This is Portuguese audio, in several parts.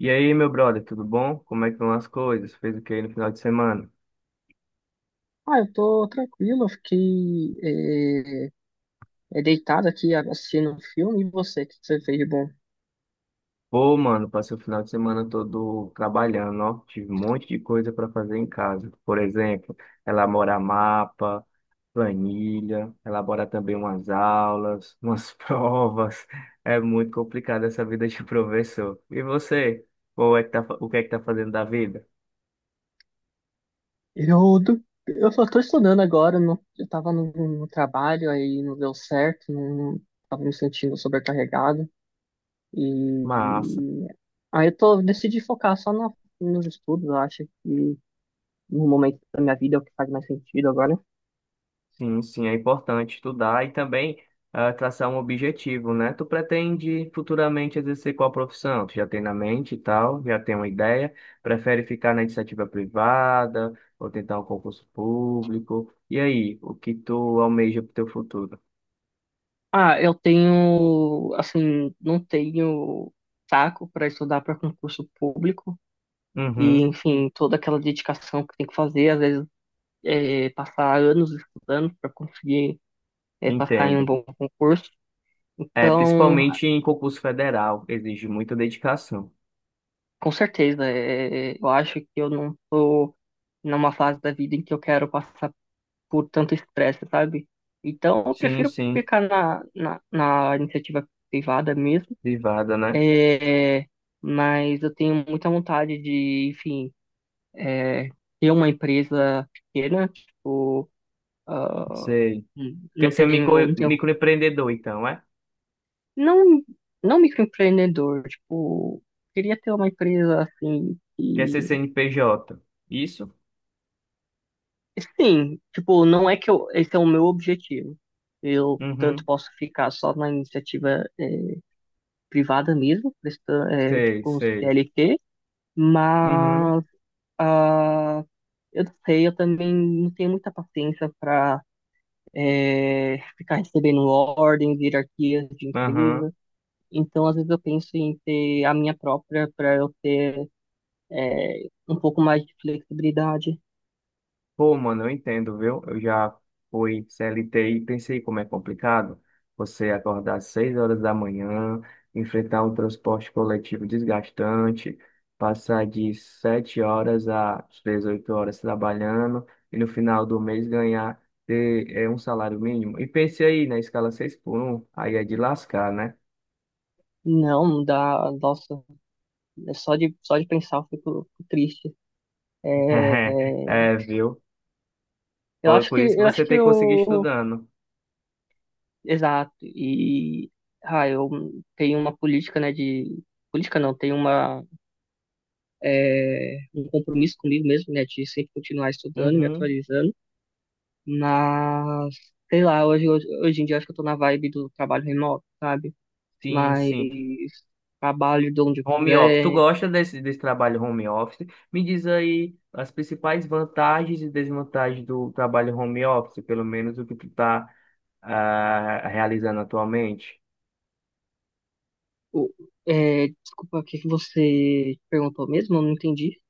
E aí, meu brother, tudo bom? Como é que vão as coisas? Fez o que aí no final de semana? Ah, eu tô tranquilo, eu fiquei deitado aqui assistindo um filme. E você, o que que você fez de bom? Pô, mano, passei o final de semana todo trabalhando, ó. Tive um monte de coisa para fazer em casa. Por exemplo, elaborar mapa, planilha, elaborar também umas aulas, umas provas. É muito complicado essa vida de professor. E você? Qual é que tá, o que é que tá fazendo da vida? Eu, do- eu só tô estudando agora, eu tava no trabalho, aí não deu certo, não, tava me sentindo sobrecarregado. Massa. E aí eu tô, decidi focar nos estudos, eu acho que no momento da minha vida é o que faz mais sentido agora. Sim, sim, é importante estudar e também traçar um objetivo, né? Tu pretende futuramente exercer qual profissão? Tu já tem na mente e tal, já tem uma ideia? Prefere ficar na iniciativa privada ou tentar um concurso público? E aí, o que tu almeja para o teu futuro? Ah, eu tenho, assim, não tenho saco para estudar para concurso público. E, Uhum, enfim, toda aquela dedicação que tem que fazer, às vezes passar anos estudando para conseguir passar em um entendo. bom concurso. É, Então, principalmente em concurso federal, exige muita dedicação. com certeza, é, eu acho que eu não estou numa fase da vida em que eu quero passar por tanto estresse, sabe? Então, eu Sim, prefiro sim, ficar na iniciativa privada mesmo, privada, né? é, mas eu tenho muita vontade de, enfim, é, ter uma empresa pequena, tipo, ah, Sei. Quer ser não tenho, microempreendedor, então, é? não, não microempreendedor, tipo, queria ter uma empresa assim Quer ser e CNPJ? Isso? sim, tipo, não é que eu, esse é o meu objetivo. Eu tanto Uhum. posso ficar só na iniciativa privada mesmo, prestando, tipo, Sei, com sei. CLT, Uhum. mas ah, eu não sei, eu também não tenho muita paciência para ficar recebendo ordens, hierarquias de Aham. empresa. Então, às vezes eu penso em ter a minha própria para eu ter um pouco mais de flexibilidade. Pô, mano, eu entendo, viu? Eu já fui CLT e pensei como é complicado você acordar às 6 horas da manhã, enfrentar um transporte coletivo desgastante, passar de 7 horas às 18 horas trabalhando e no final do mês ganhar ter, um salário mínimo. E pensei aí na escala 6 por 1, aí é de lascar, né? Não, dá, nossa, é só de pensar eu fico triste. É, É, viu? Por, por isso que eu você acho que tem que conseguir eu estudando. exato e ah, eu tenho uma política, né, de política não, tenho uma um compromisso comigo mesmo, né, de sempre continuar estudando, me Uhum. atualizando, mas sei lá, hoje em dia eu acho que eu tô na vibe do trabalho remoto, sabe? Sim, Mas sim. trabalho de onde eu Home office. Tu quiser. gosta desse trabalho home office? Me diz aí as principais vantagens e desvantagens do trabalho home office, pelo menos o que tu está realizando atualmente. O- é, desculpa, o que que você perguntou mesmo? Eu não entendi.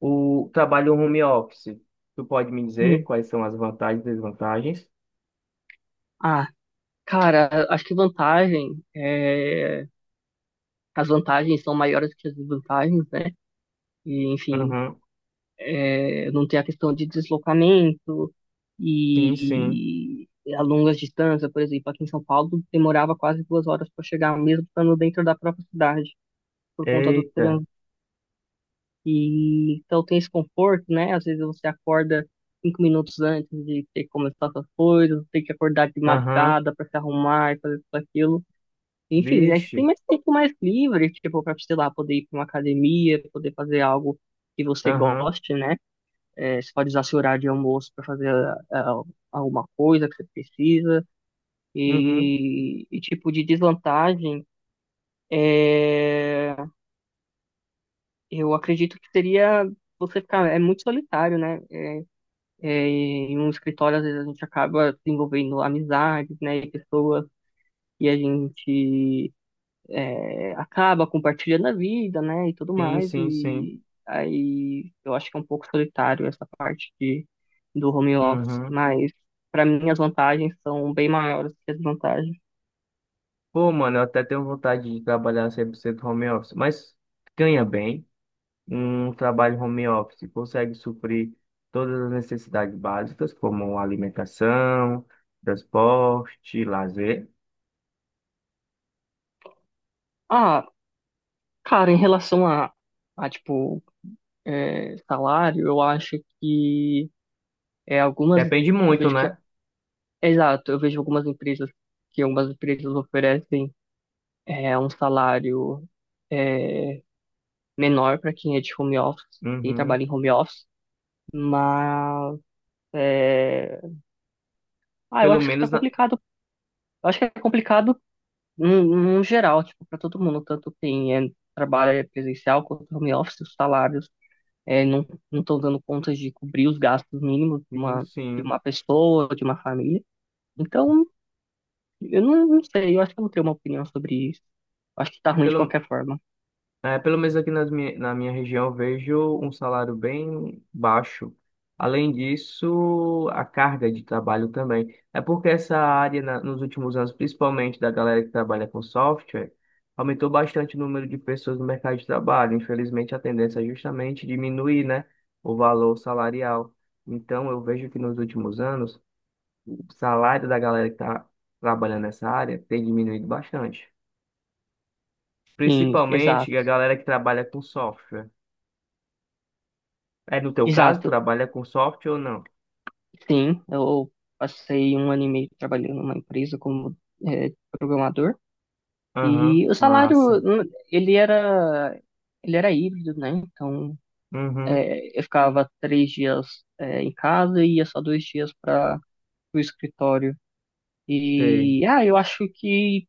O trabalho home office, tu pode me dizer Hum. quais são as vantagens e desvantagens? Ah, cara, acho que as vantagens são maiores que as desvantagens, né? E, enfim, Uhum. é, não tem a questão de deslocamento Sim, sim. e a longas distâncias, por exemplo, aqui em São Paulo demorava quase duas horas para chegar, mesmo estando dentro da própria cidade, por conta do Eita. trânsito. E então tem esse conforto, né? Às vezes você acorda cinco minutos antes de ter que começar suas coisas, tem que acordar de Aham. madrugada para se arrumar e fazer tudo aquilo. Enfim, aí você tem Vixe. Mais livre, tipo, para, sei lá, poder ir para uma academia, poder fazer algo que você Aham. goste, né? É, você pode usar seu horário de almoço para fazer ah, alguma coisa que você precisa. Uhum. E tipo, de desvantagem, é, eu acredito que seria você ficar é muito solitário, né? É, em um escritório, às vezes a gente acaba desenvolvendo amizades, né, e pessoas, e a gente é, acaba compartilhando a vida, né, e tudo Sim, mais, sim, sim. e aí eu acho que é um pouco solitário essa parte de, do home office, Uhum. mas para mim as vantagens são bem maiores que as desvantagens. Pô, mano, eu até tenho vontade de trabalhar 100% home office, mas ganha bem. Um trabalho home office consegue suprir todas as necessidades básicas, como alimentação, transporte, lazer. Ah, cara, em relação a tipo, é, salário, eu acho que é, algumas, Depende eu muito, vejo que, né? exato, eu vejo algumas empresas que algumas empresas oferecem é um salário é, menor para quem é de home office, quem Uhum. trabalha em home office, mas é, ah, eu Pelo acho que tá menos na. complicado. Eu acho que é complicado no no geral, tipo, para todo mundo, tanto quem é, trabalha presencial quanto home office, os salários é, não estão dando conta de cobrir os gastos mínimos Sim, de sim. uma pessoa, de uma família. Então, eu não, não sei, eu acho que eu não tenho uma opinião sobre isso. Eu acho que tá ruim de Pelo. qualquer forma. É, pelo menos aqui nas na minha região eu vejo um salário bem baixo. Além disso, a carga de trabalho também. É porque essa área, nos últimos anos, principalmente da galera que trabalha com software, aumentou bastante o número de pessoas no mercado de trabalho. Infelizmente, a tendência é justamente diminuir, né, o valor salarial. Então, eu vejo que nos últimos anos, o salário da galera que está trabalhando nessa área tem diminuído bastante. Sim, exato. Principalmente a galera que trabalha com software. É, no teu caso, Exato. tu trabalha com software ou não? Sim, eu passei um ano e meio trabalhando numa empresa como é, programador Aham, e o salário massa. Ele era ele era híbrido, né? Então Uhum, é, eu ficava três dias é, em casa e ia só dois dias para o escritório sei. e ah eu acho que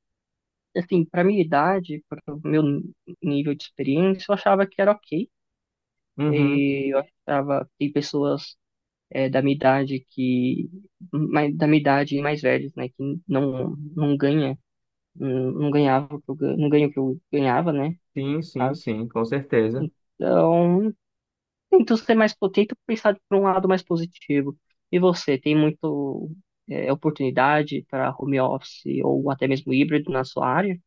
assim para minha idade, para o meu nível de experiência, eu achava que era ok. Uhum, E eu achava que pessoas é, da minha idade que mais, da minha idade e mais velhos, né, que não ganha, não, não ganhava, o que eu não ganha o que eu ganhava, né, no sim, sim, caso. sim, com certeza. Então, tento ser tento pensar por um lado mais positivo. E você, tem muito é, oportunidade para home office ou até mesmo híbrido na sua área?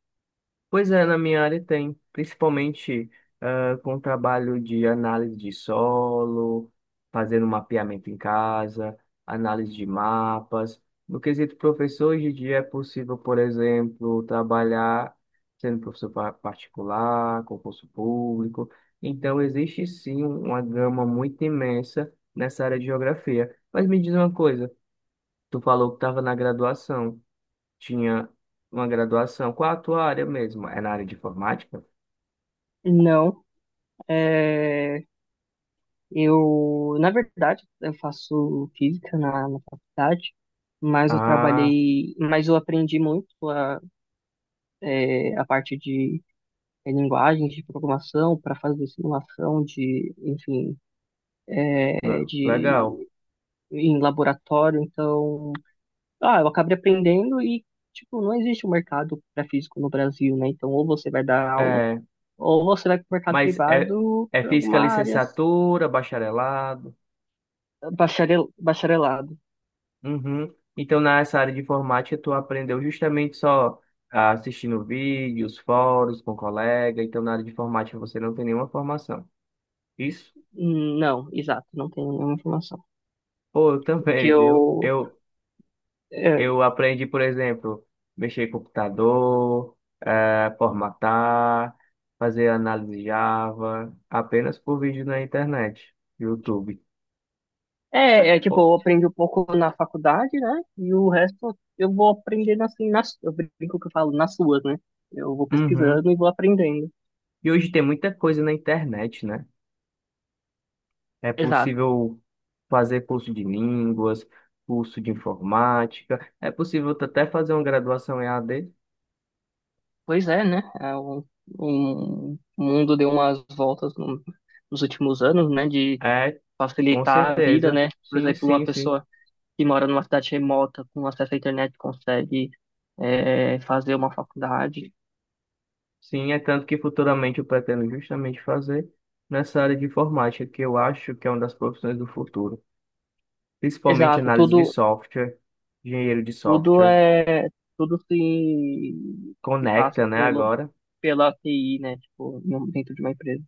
Pois é, na minha área tem, principalmente com o trabalho de análise de solo, fazendo mapeamento em casa, análise de mapas. No quesito professor, hoje em dia é possível, por exemplo, trabalhar sendo professor particular, concurso público. Então, existe sim uma gama muito imensa nessa área de geografia. Mas me diz uma coisa, tu falou que estava na graduação. Tinha uma graduação. Qual a tua área mesmo? É na área de informática? Não, é, na verdade, eu faço física na faculdade, Ah, mas eu aprendi muito é, a parte de é, linguagens de programação para fazer simulação de, enfim, é, legal. de em laboratório. Então, ah, eu acabei aprendendo e tipo não existe um mercado para físico no Brasil, né? Então, ou você vai dar aula É, ou você vai para o mercado mas é, privado é para física alguma área licenciatura, bacharelado. Bacharelado. Uhum. Então, nessa área de informática, tu aprendeu justamente só assistindo vídeos, fóruns com colega. Então, na área de informática, você não tem nenhuma formação. Isso? Não, exato, não tenho nenhuma informação. Pô, eu Que também, viu? eu Eu, é, Eu aprendi, por exemplo, mexer em computador, formatar, fazer análise Java, apenas por vídeo na internet, YouTube. é, é tipo, Pô, eu aprendi um pouco na faculdade, né? E o resto eu vou aprendendo assim, nas, eu brinco que eu falo, nas suas, né? Eu vou uhum. pesquisando e vou aprendendo. E hoje tem muita coisa na internet, né? É Exato. possível fazer curso de línguas, curso de informática, é possível até fazer uma graduação em AD? Pois é, né? É, o mundo deu umas voltas nos últimos anos, né? De É, com facilitar a vida, certeza. né? Por Sim, exemplo, uma sim, sim. pessoa que mora numa cidade remota, com acesso à internet, consegue é, fazer uma faculdade. Sim, é tanto que futuramente eu pretendo justamente fazer nessa área de informática, que eu acho que é uma das profissões do futuro. Principalmente Exato, análise de tudo, software, engenheiro de tudo software. é tudo se passa Conecta, né, agora. pela TI, né? Tipo, em dentro de uma empresa.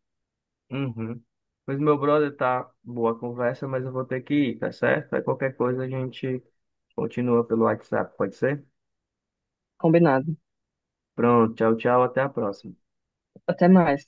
Uhum. Mas meu brother, tá boa a conversa, mas eu vou ter que ir, tá certo? Aí qualquer coisa a gente continua pelo WhatsApp, pode ser? Combinado. Pronto, tchau, tchau, até a próxima. Até mais.